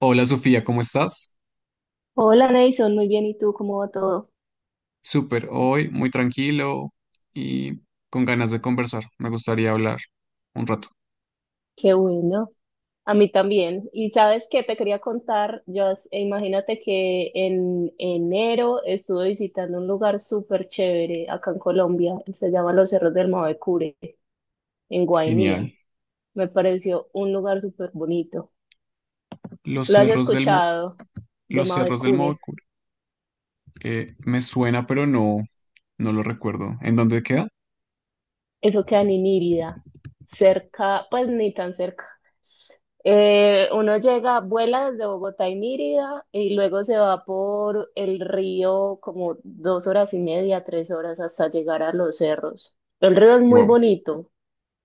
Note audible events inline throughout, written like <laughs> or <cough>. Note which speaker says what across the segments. Speaker 1: Hola Sofía, ¿cómo estás?
Speaker 2: Hola, Nason, muy bien. ¿Y tú cómo va todo?
Speaker 1: Súper, hoy muy tranquilo y con ganas de conversar. Me gustaría hablar un rato.
Speaker 2: Qué bueno. A mí también. Y sabes que te quería contar, yo, imagínate que en enero estuve visitando un lugar súper chévere acá en Colombia. Se llama Los Cerros del Mavecure, en
Speaker 1: Genial.
Speaker 2: Guainía. Me pareció un lugar súper bonito.
Speaker 1: Los
Speaker 2: ¿Lo has
Speaker 1: cerros del Mo-
Speaker 2: escuchado de
Speaker 1: los cerros del
Speaker 2: Mavecure?
Speaker 1: Mocour. Me suena, pero no, no lo recuerdo. ¿En dónde queda?
Speaker 2: Eso queda en Inírida, cerca, pues ni tan cerca. Uno llega, vuela desde Bogotá a Inírida y luego se va por el río como dos horas y media, tres horas hasta llegar a los cerros. El río es muy
Speaker 1: Wow,
Speaker 2: bonito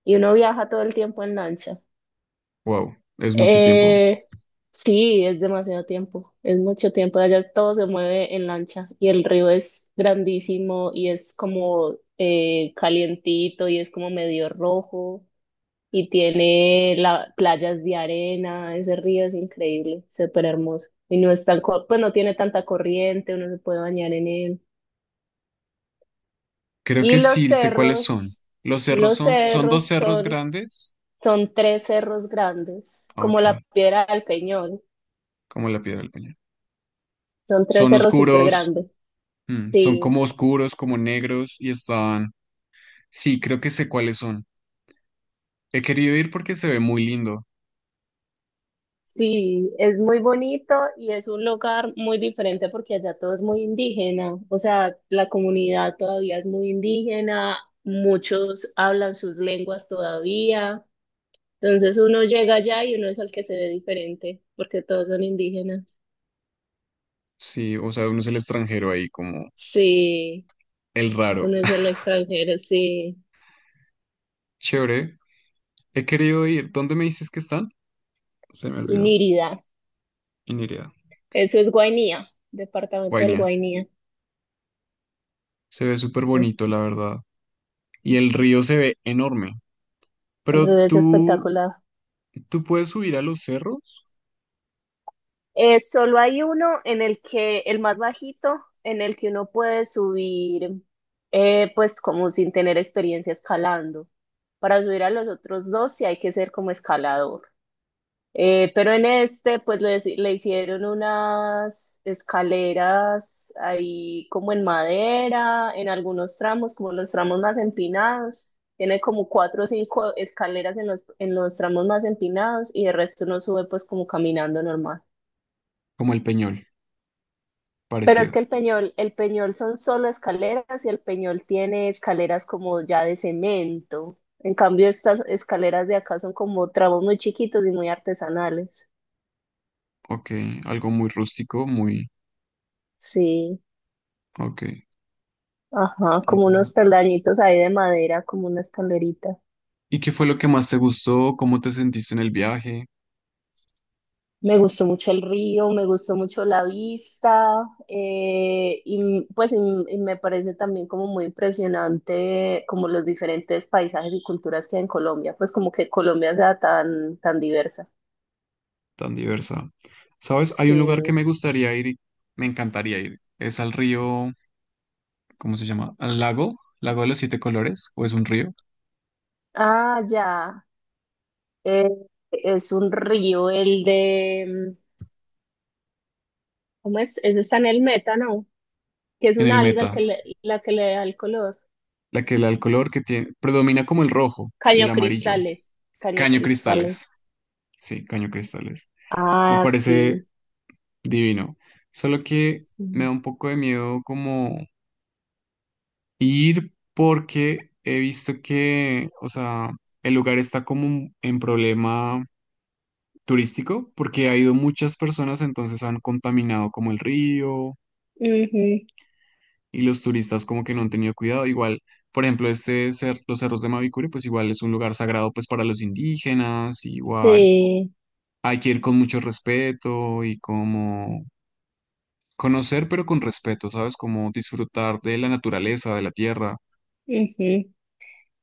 Speaker 2: y uno viaja todo el tiempo en lancha.
Speaker 1: wow, es mucho tiempo.
Speaker 2: Eh, sí, es demasiado tiempo, es mucho tiempo. Allá todo se mueve en lancha y el río es grandísimo y es como calientito y es como medio rojo y tiene la, playas de arena, ese río es increíble, súper hermoso. Y no es tan, pues no tiene tanta corriente, uno se puede bañar en él.
Speaker 1: Creo
Speaker 2: Y
Speaker 1: que sí sé cuáles son. Los cerros
Speaker 2: los
Speaker 1: son dos
Speaker 2: cerros
Speaker 1: cerros
Speaker 2: son,
Speaker 1: grandes.
Speaker 2: son tres cerros grandes,
Speaker 1: Ah,
Speaker 2: como la
Speaker 1: Ok,
Speaker 2: Piedra del Peñón,
Speaker 1: como la piedra del peñón.
Speaker 2: son tres
Speaker 1: Son
Speaker 2: cerros súper
Speaker 1: oscuros,
Speaker 2: grandes.
Speaker 1: son
Speaker 2: Sí,
Speaker 1: como oscuros, como negros y están. Sí, creo que sé cuáles son. He querido ir porque se ve muy lindo.
Speaker 2: sí, es muy bonito y es un lugar muy diferente porque allá todo es muy indígena, o sea, la comunidad todavía es muy indígena, muchos hablan sus lenguas todavía, entonces uno llega allá y uno es el que se ve diferente porque todos son indígenas.
Speaker 1: Sí, o sea, uno es el extranjero ahí, como
Speaker 2: Sí,
Speaker 1: el raro.
Speaker 2: uno es el extranjero, sí,
Speaker 1: <laughs> Chévere. He querido ir. ¿Dónde me dices que están? Se me
Speaker 2: y
Speaker 1: olvidó.
Speaker 2: Nírida,
Speaker 1: Inirida.
Speaker 2: eso es Guainía, departamento del
Speaker 1: Guainia.
Speaker 2: Guainía.
Speaker 1: Se ve súper bonito,
Speaker 2: Mm,
Speaker 1: la verdad. Y el río se ve enorme.
Speaker 2: el
Speaker 1: Pero
Speaker 2: río es
Speaker 1: tú,
Speaker 2: espectacular.
Speaker 1: tú puedes subir a los cerros,
Speaker 2: Solo hay uno en el que, el más bajito, en el que uno puede subir, pues como sin tener experiencia escalando. Para subir a los otros dos sí hay que ser como escalador. Pero en este, pues le hicieron unas escaleras ahí como en madera, en algunos tramos, como los tramos más empinados. Tiene como cuatro o cinco escaleras en los tramos más empinados y el resto uno sube pues como caminando normal.
Speaker 1: como el Peñol,
Speaker 2: Pero es
Speaker 1: parecido.
Speaker 2: que el Peñol son solo escaleras y el Peñol tiene escaleras como ya de cemento. En cambio, estas escaleras de acá son como tramos muy chiquitos y muy artesanales.
Speaker 1: Ok, algo muy rústico.
Speaker 2: Sí,
Speaker 1: Ok.
Speaker 2: ajá, como
Speaker 1: Bueno.
Speaker 2: unos peldañitos ahí de madera, como una escalerita.
Speaker 1: ¿Y qué fue lo que más te gustó? ¿Cómo te sentiste en el viaje?
Speaker 2: Me gustó mucho el río, me gustó mucho la vista, y me parece también como muy impresionante como los diferentes paisajes y culturas que hay en Colombia, pues como que Colombia sea tan, tan diversa.
Speaker 1: Tan diversa. ¿Sabes? Hay un lugar que
Speaker 2: Sí.
Speaker 1: me gustaría ir y me encantaría ir. Es al río, ¿cómo se llama? Al lago, Lago de los Siete Colores, o es un río,
Speaker 2: Ah, ya. Eh, es un río, el de... mm, ¿cómo es? Ese está en el metano, que es
Speaker 1: en el
Speaker 2: una alga
Speaker 1: Meta,
Speaker 2: la que le da el color.
Speaker 1: el color que tiene, predomina como el rojo y el
Speaker 2: Caño
Speaker 1: amarillo.
Speaker 2: Cristales. Caño
Speaker 1: Caño
Speaker 2: Cristales.
Speaker 1: Cristales, sí, Caño Cristales. Me
Speaker 2: Ah,
Speaker 1: parece
Speaker 2: sí.
Speaker 1: divino. Solo que
Speaker 2: Sí.
Speaker 1: me da un poco de miedo como ir porque he visto que, o sea, el lugar está como en problema turístico porque ha ido muchas personas, entonces han contaminado como el río
Speaker 2: Ujú.
Speaker 1: y los turistas como que no han tenido cuidado. Igual, por ejemplo, los cerros de Mavicure, pues igual es un lugar sagrado pues para los indígenas, igual
Speaker 2: Sí.
Speaker 1: hay que ir con mucho respeto y como conocer pero con respeto, ¿sabes? Como disfrutar de la naturaleza, de la tierra.
Speaker 2: Ujú.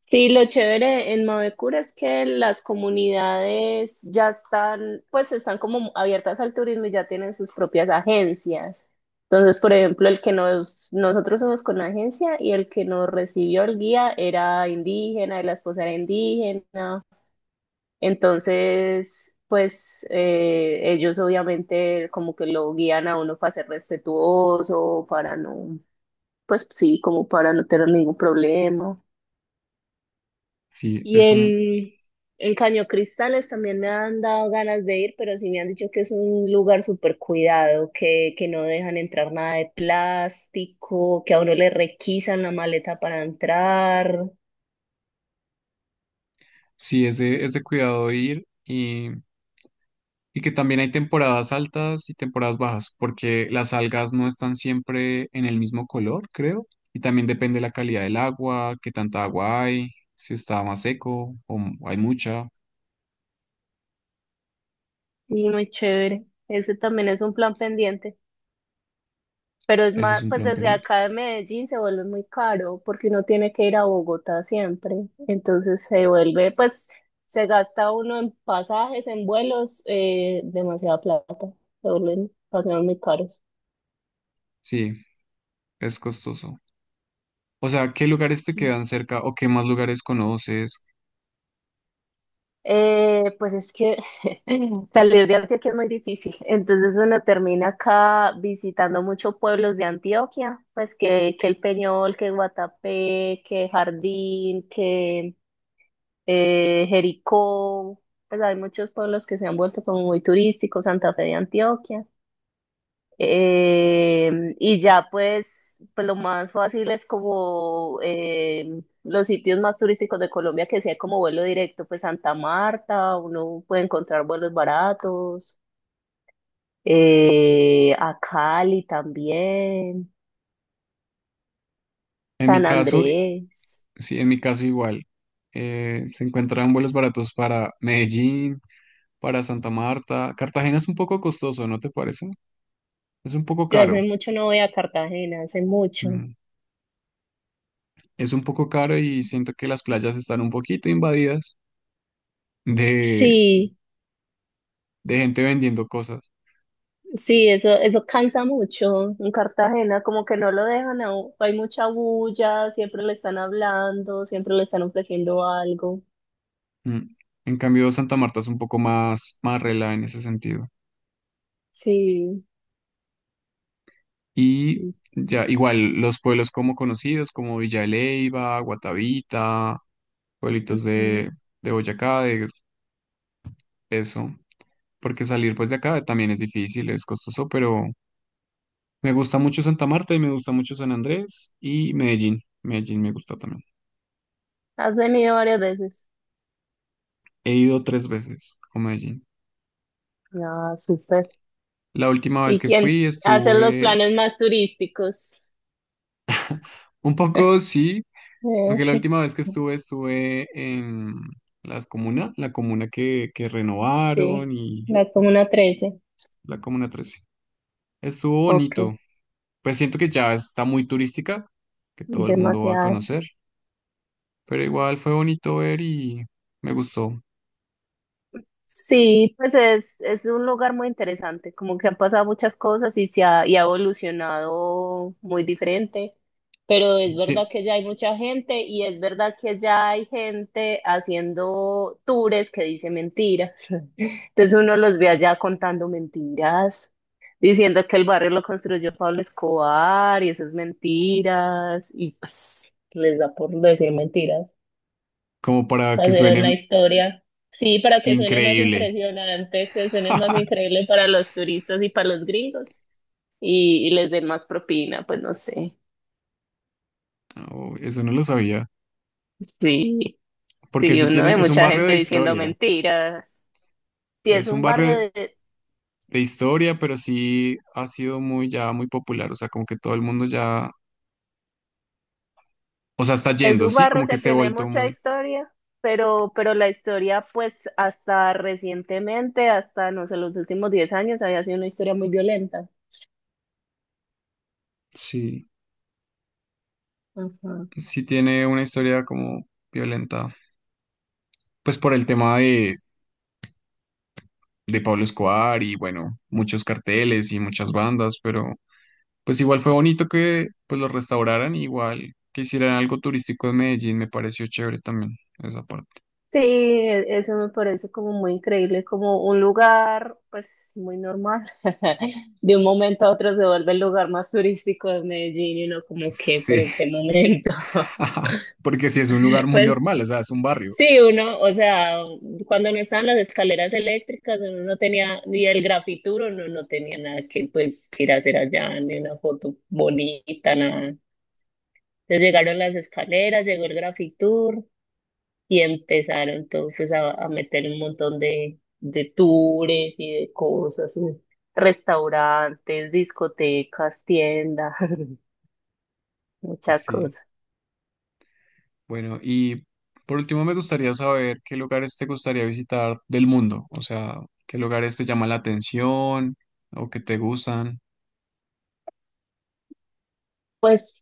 Speaker 2: Sí, lo chévere en Mavecura es que las comunidades ya están, pues están como abiertas al turismo y ya tienen sus propias agencias. Entonces, por ejemplo, nosotros fuimos con la agencia y el que nos recibió el guía era indígena, y la esposa era indígena. Entonces, pues ellos obviamente como que lo guían a uno para ser respetuoso, para no, pues sí, como para no tener ningún problema.
Speaker 1: Sí,
Speaker 2: Y en Caño Cristales también me han dado ganas de ir, pero sí me han dicho que es un lugar súper cuidado, que no dejan entrar nada de plástico, que a uno le requisan la maleta para entrar.
Speaker 1: sí, es de cuidado ir. Y que también hay temporadas altas y temporadas bajas, porque las algas no están siempre en el mismo color, creo. Y también depende la calidad del agua, qué tanta agua hay, si está más seco hay mucha.
Speaker 2: Y muy chévere. Ese también es un plan pendiente. Pero es
Speaker 1: Ese es
Speaker 2: más,
Speaker 1: un
Speaker 2: pues
Speaker 1: plan
Speaker 2: desde
Speaker 1: pendiente.
Speaker 2: acá de Medellín se vuelve muy caro porque uno tiene que ir a Bogotá siempre. Entonces se vuelve, pues se gasta uno en pasajes, en vuelos, demasiada plata. Se vuelven pasajes muy caros.
Speaker 1: Sí, es costoso. O sea, ¿qué lugares te
Speaker 2: Mm.
Speaker 1: quedan cerca o qué más lugares conoces?
Speaker 2: Pues es que <laughs> salir de Antioquia es muy difícil. Entonces uno termina acá visitando muchos pueblos de Antioquia, pues que El Peñol, que Guatapé, que Jardín, que Jericó, pues hay muchos pueblos que se han vuelto como muy turísticos, Santa Fe de Antioquia. Y ya pues, pues lo más fácil es como los sitios más turísticos de Colombia que sea como vuelo directo, pues Santa Marta, uno puede encontrar vuelos baratos, a Cali también,
Speaker 1: En mi
Speaker 2: San
Speaker 1: caso,
Speaker 2: Andrés.
Speaker 1: sí, en mi caso igual. Se encuentran vuelos baratos para Medellín, para Santa Marta. Cartagena es un poco costoso, ¿no te parece? Es un poco
Speaker 2: Yo
Speaker 1: caro.
Speaker 2: hace mucho no voy a Cartagena, hace mucho.
Speaker 1: Mm. Es un poco caro y siento que las playas están un poquito invadidas de,
Speaker 2: Sí.
Speaker 1: de gente vendiendo cosas.
Speaker 2: Sí, eso cansa mucho en Cartagena, como que no lo dejan hay mucha bulla, siempre le están hablando, siempre le están ofreciendo algo.
Speaker 1: Mm. En cambio, Santa Marta es un poco más rela en ese sentido.
Speaker 2: Sí.
Speaker 1: Y ya, igual, los pueblos como conocidos, como Villa de Leyva, Guatavita, pueblitos
Speaker 2: Mm.
Speaker 1: de Boyacá, de eso. Porque salir pues de acá también es difícil, es costoso, pero me gusta mucho Santa Marta y me gusta mucho San Andrés y Medellín. Medellín me gusta también.
Speaker 2: Has venido varias veces.
Speaker 1: He ido 3 veces a Medellín.
Speaker 2: Ah, súper.
Speaker 1: La última vez
Speaker 2: ¿Y
Speaker 1: que
Speaker 2: quién
Speaker 1: fui
Speaker 2: hace los
Speaker 1: estuve
Speaker 2: planes más turísticos?
Speaker 1: un poco,
Speaker 2: <laughs>
Speaker 1: sí,
Speaker 2: Eh,
Speaker 1: aunque la última vez que estuve en las comunas, la comuna que renovaron
Speaker 2: sí,
Speaker 1: y
Speaker 2: la Comuna 13.
Speaker 1: la comuna 13. Estuvo
Speaker 2: Ok,
Speaker 1: bonito. Pues siento que ya está muy turística, que todo el mundo va a
Speaker 2: demasiado.
Speaker 1: conocer, pero igual fue bonito ver y me gustó.
Speaker 2: Sí, pues es un lugar muy interesante, como que han pasado muchas cosas y se ha, y ha evolucionado muy diferente, pero es
Speaker 1: Sí,
Speaker 2: verdad que ya hay mucha gente y es verdad que ya hay gente haciendo tours que dice mentiras. <laughs> Entonces uno los ve allá contando mentiras, diciendo que el barrio lo construyó Pablo Escobar y eso es mentiras y pues les da por decir mentiras
Speaker 1: como para que
Speaker 2: hacer
Speaker 1: suene
Speaker 2: una historia. Sí, para que suene más
Speaker 1: increíble.
Speaker 2: impresionante, que suene más
Speaker 1: <laughs>
Speaker 2: increíble para los turistas y para los gringos y les den más propina, pues no sé.
Speaker 1: Oh, eso no lo sabía,
Speaker 2: Sí,
Speaker 1: porque
Speaker 2: sí,
Speaker 1: sí
Speaker 2: uno
Speaker 1: tiene,
Speaker 2: ve
Speaker 1: es un
Speaker 2: mucha
Speaker 1: barrio
Speaker 2: gente
Speaker 1: de
Speaker 2: diciendo
Speaker 1: historia,
Speaker 2: mentiras. Sí, es
Speaker 1: es un
Speaker 2: un barrio
Speaker 1: barrio
Speaker 2: de,
Speaker 1: de historia, pero sí ha sido muy, ya muy popular, o sea, como que todo el mundo ya, o sea, está
Speaker 2: es
Speaker 1: yendo,
Speaker 2: un
Speaker 1: sí,
Speaker 2: barrio
Speaker 1: como que
Speaker 2: que
Speaker 1: se ha
Speaker 2: tiene
Speaker 1: vuelto
Speaker 2: mucha
Speaker 1: muy,
Speaker 2: historia, pero la historia, pues hasta recientemente, hasta no sé, los últimos 10 años, había sido una historia muy violenta.
Speaker 1: sí,
Speaker 2: Ajá.
Speaker 1: sí tiene una historia como violenta, pues por el tema de, Pablo Escobar y bueno, muchos carteles y muchas bandas, pero pues igual fue bonito que pues los restauraran, igual que hicieran algo turístico en Medellín, me pareció chévere también esa parte.
Speaker 2: Sí, eso me parece como muy increíble, como un lugar, pues muy normal. <laughs> De un momento a otro se vuelve el lugar más turístico de Medellín y uno como que, pero
Speaker 1: Sí,
Speaker 2: ¿en qué momento? <laughs>
Speaker 1: <laughs> porque sí es un lugar muy
Speaker 2: Pues
Speaker 1: normal, o sea, es un barrio,
Speaker 2: sí, uno, o sea, cuando no estaban las escaleras eléctricas, uno no tenía, ni el grafituro, uno no tenía nada que pues ir a hacer allá, ni una foto bonita, nada. Entonces llegaron las escaleras, llegó el grafitur. Y empezaron entonces a meter un montón de tours y de cosas, y restaurantes, discotecas, tiendas, <laughs> muchas
Speaker 1: sí.
Speaker 2: cosas.
Speaker 1: Bueno, y por último me gustaría saber qué lugares te gustaría visitar del mundo, o sea, qué lugares te llaman la atención o que te gustan.
Speaker 2: Pues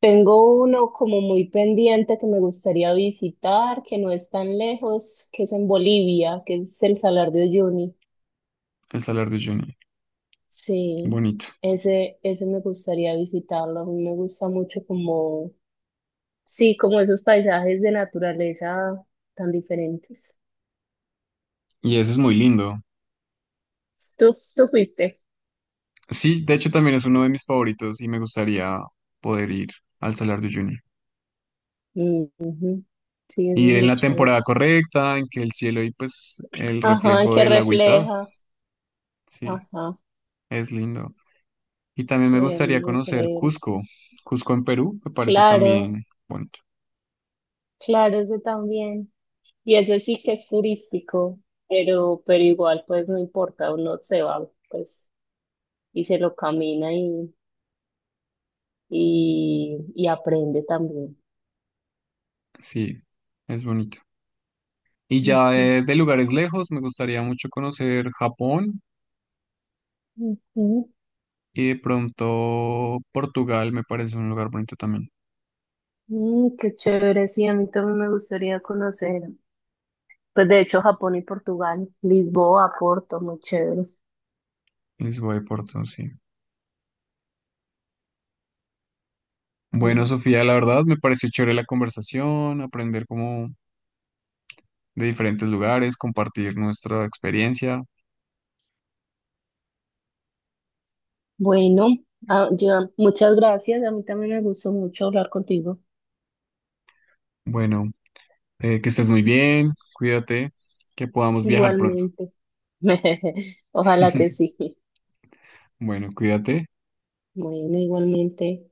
Speaker 2: tengo uno como muy pendiente que me gustaría visitar, que no es tan lejos, que es en Bolivia, que es el Salar de Uyuni.
Speaker 1: El Salar de Uyuni,
Speaker 2: Sí,
Speaker 1: bonito.
Speaker 2: ese me gustaría visitarlo. A mí me gusta mucho como, sí, como esos paisajes de naturaleza tan diferentes.
Speaker 1: Y ese es muy lindo.
Speaker 2: Tú fuiste.
Speaker 1: Sí, de hecho también es uno de mis favoritos y me gustaría poder ir al Salar de Uyuni.
Speaker 2: Ujú. Sí, eso
Speaker 1: Y
Speaker 2: es
Speaker 1: en
Speaker 2: muy
Speaker 1: la
Speaker 2: chévere.
Speaker 1: temporada correcta, en que el cielo y pues el
Speaker 2: Ajá,
Speaker 1: reflejo
Speaker 2: que
Speaker 1: del agüita,
Speaker 2: refleja.
Speaker 1: sí,
Speaker 2: Ajá,
Speaker 1: es lindo. Y también me gustaría conocer
Speaker 2: increíble.
Speaker 1: Cusco, Cusco en Perú, me parece
Speaker 2: Claro,
Speaker 1: también bonito.
Speaker 2: claro, ese también. Y ese sí que es turístico, pero igual, pues no importa, uno se va, pues, y se lo camina y aprende también.
Speaker 1: Sí, es bonito. Y ya
Speaker 2: Ujú,
Speaker 1: de, lugares lejos, me gustaría mucho conocer Japón
Speaker 2: ujú.
Speaker 1: y de pronto Portugal, me parece un lugar bonito también.
Speaker 2: Mm, qué chévere, sí, a mí también me gustaría conocer. Pues de hecho, Japón y Portugal, Lisboa, Porto, muy chévere.
Speaker 1: Lisboa y Porto, sí. Bueno,
Speaker 2: Mm.
Speaker 1: Sofía, la verdad me pareció chévere la conversación, aprender como de diferentes lugares, compartir nuestra experiencia.
Speaker 2: Bueno, ya, muchas gracias. A mí también me gustó mucho hablar contigo.
Speaker 1: Bueno, que estés muy bien, cuídate, que podamos viajar pronto.
Speaker 2: Igualmente. <laughs> Ojalá que sí.
Speaker 1: <laughs> Bueno, cuídate.
Speaker 2: Bueno, igualmente.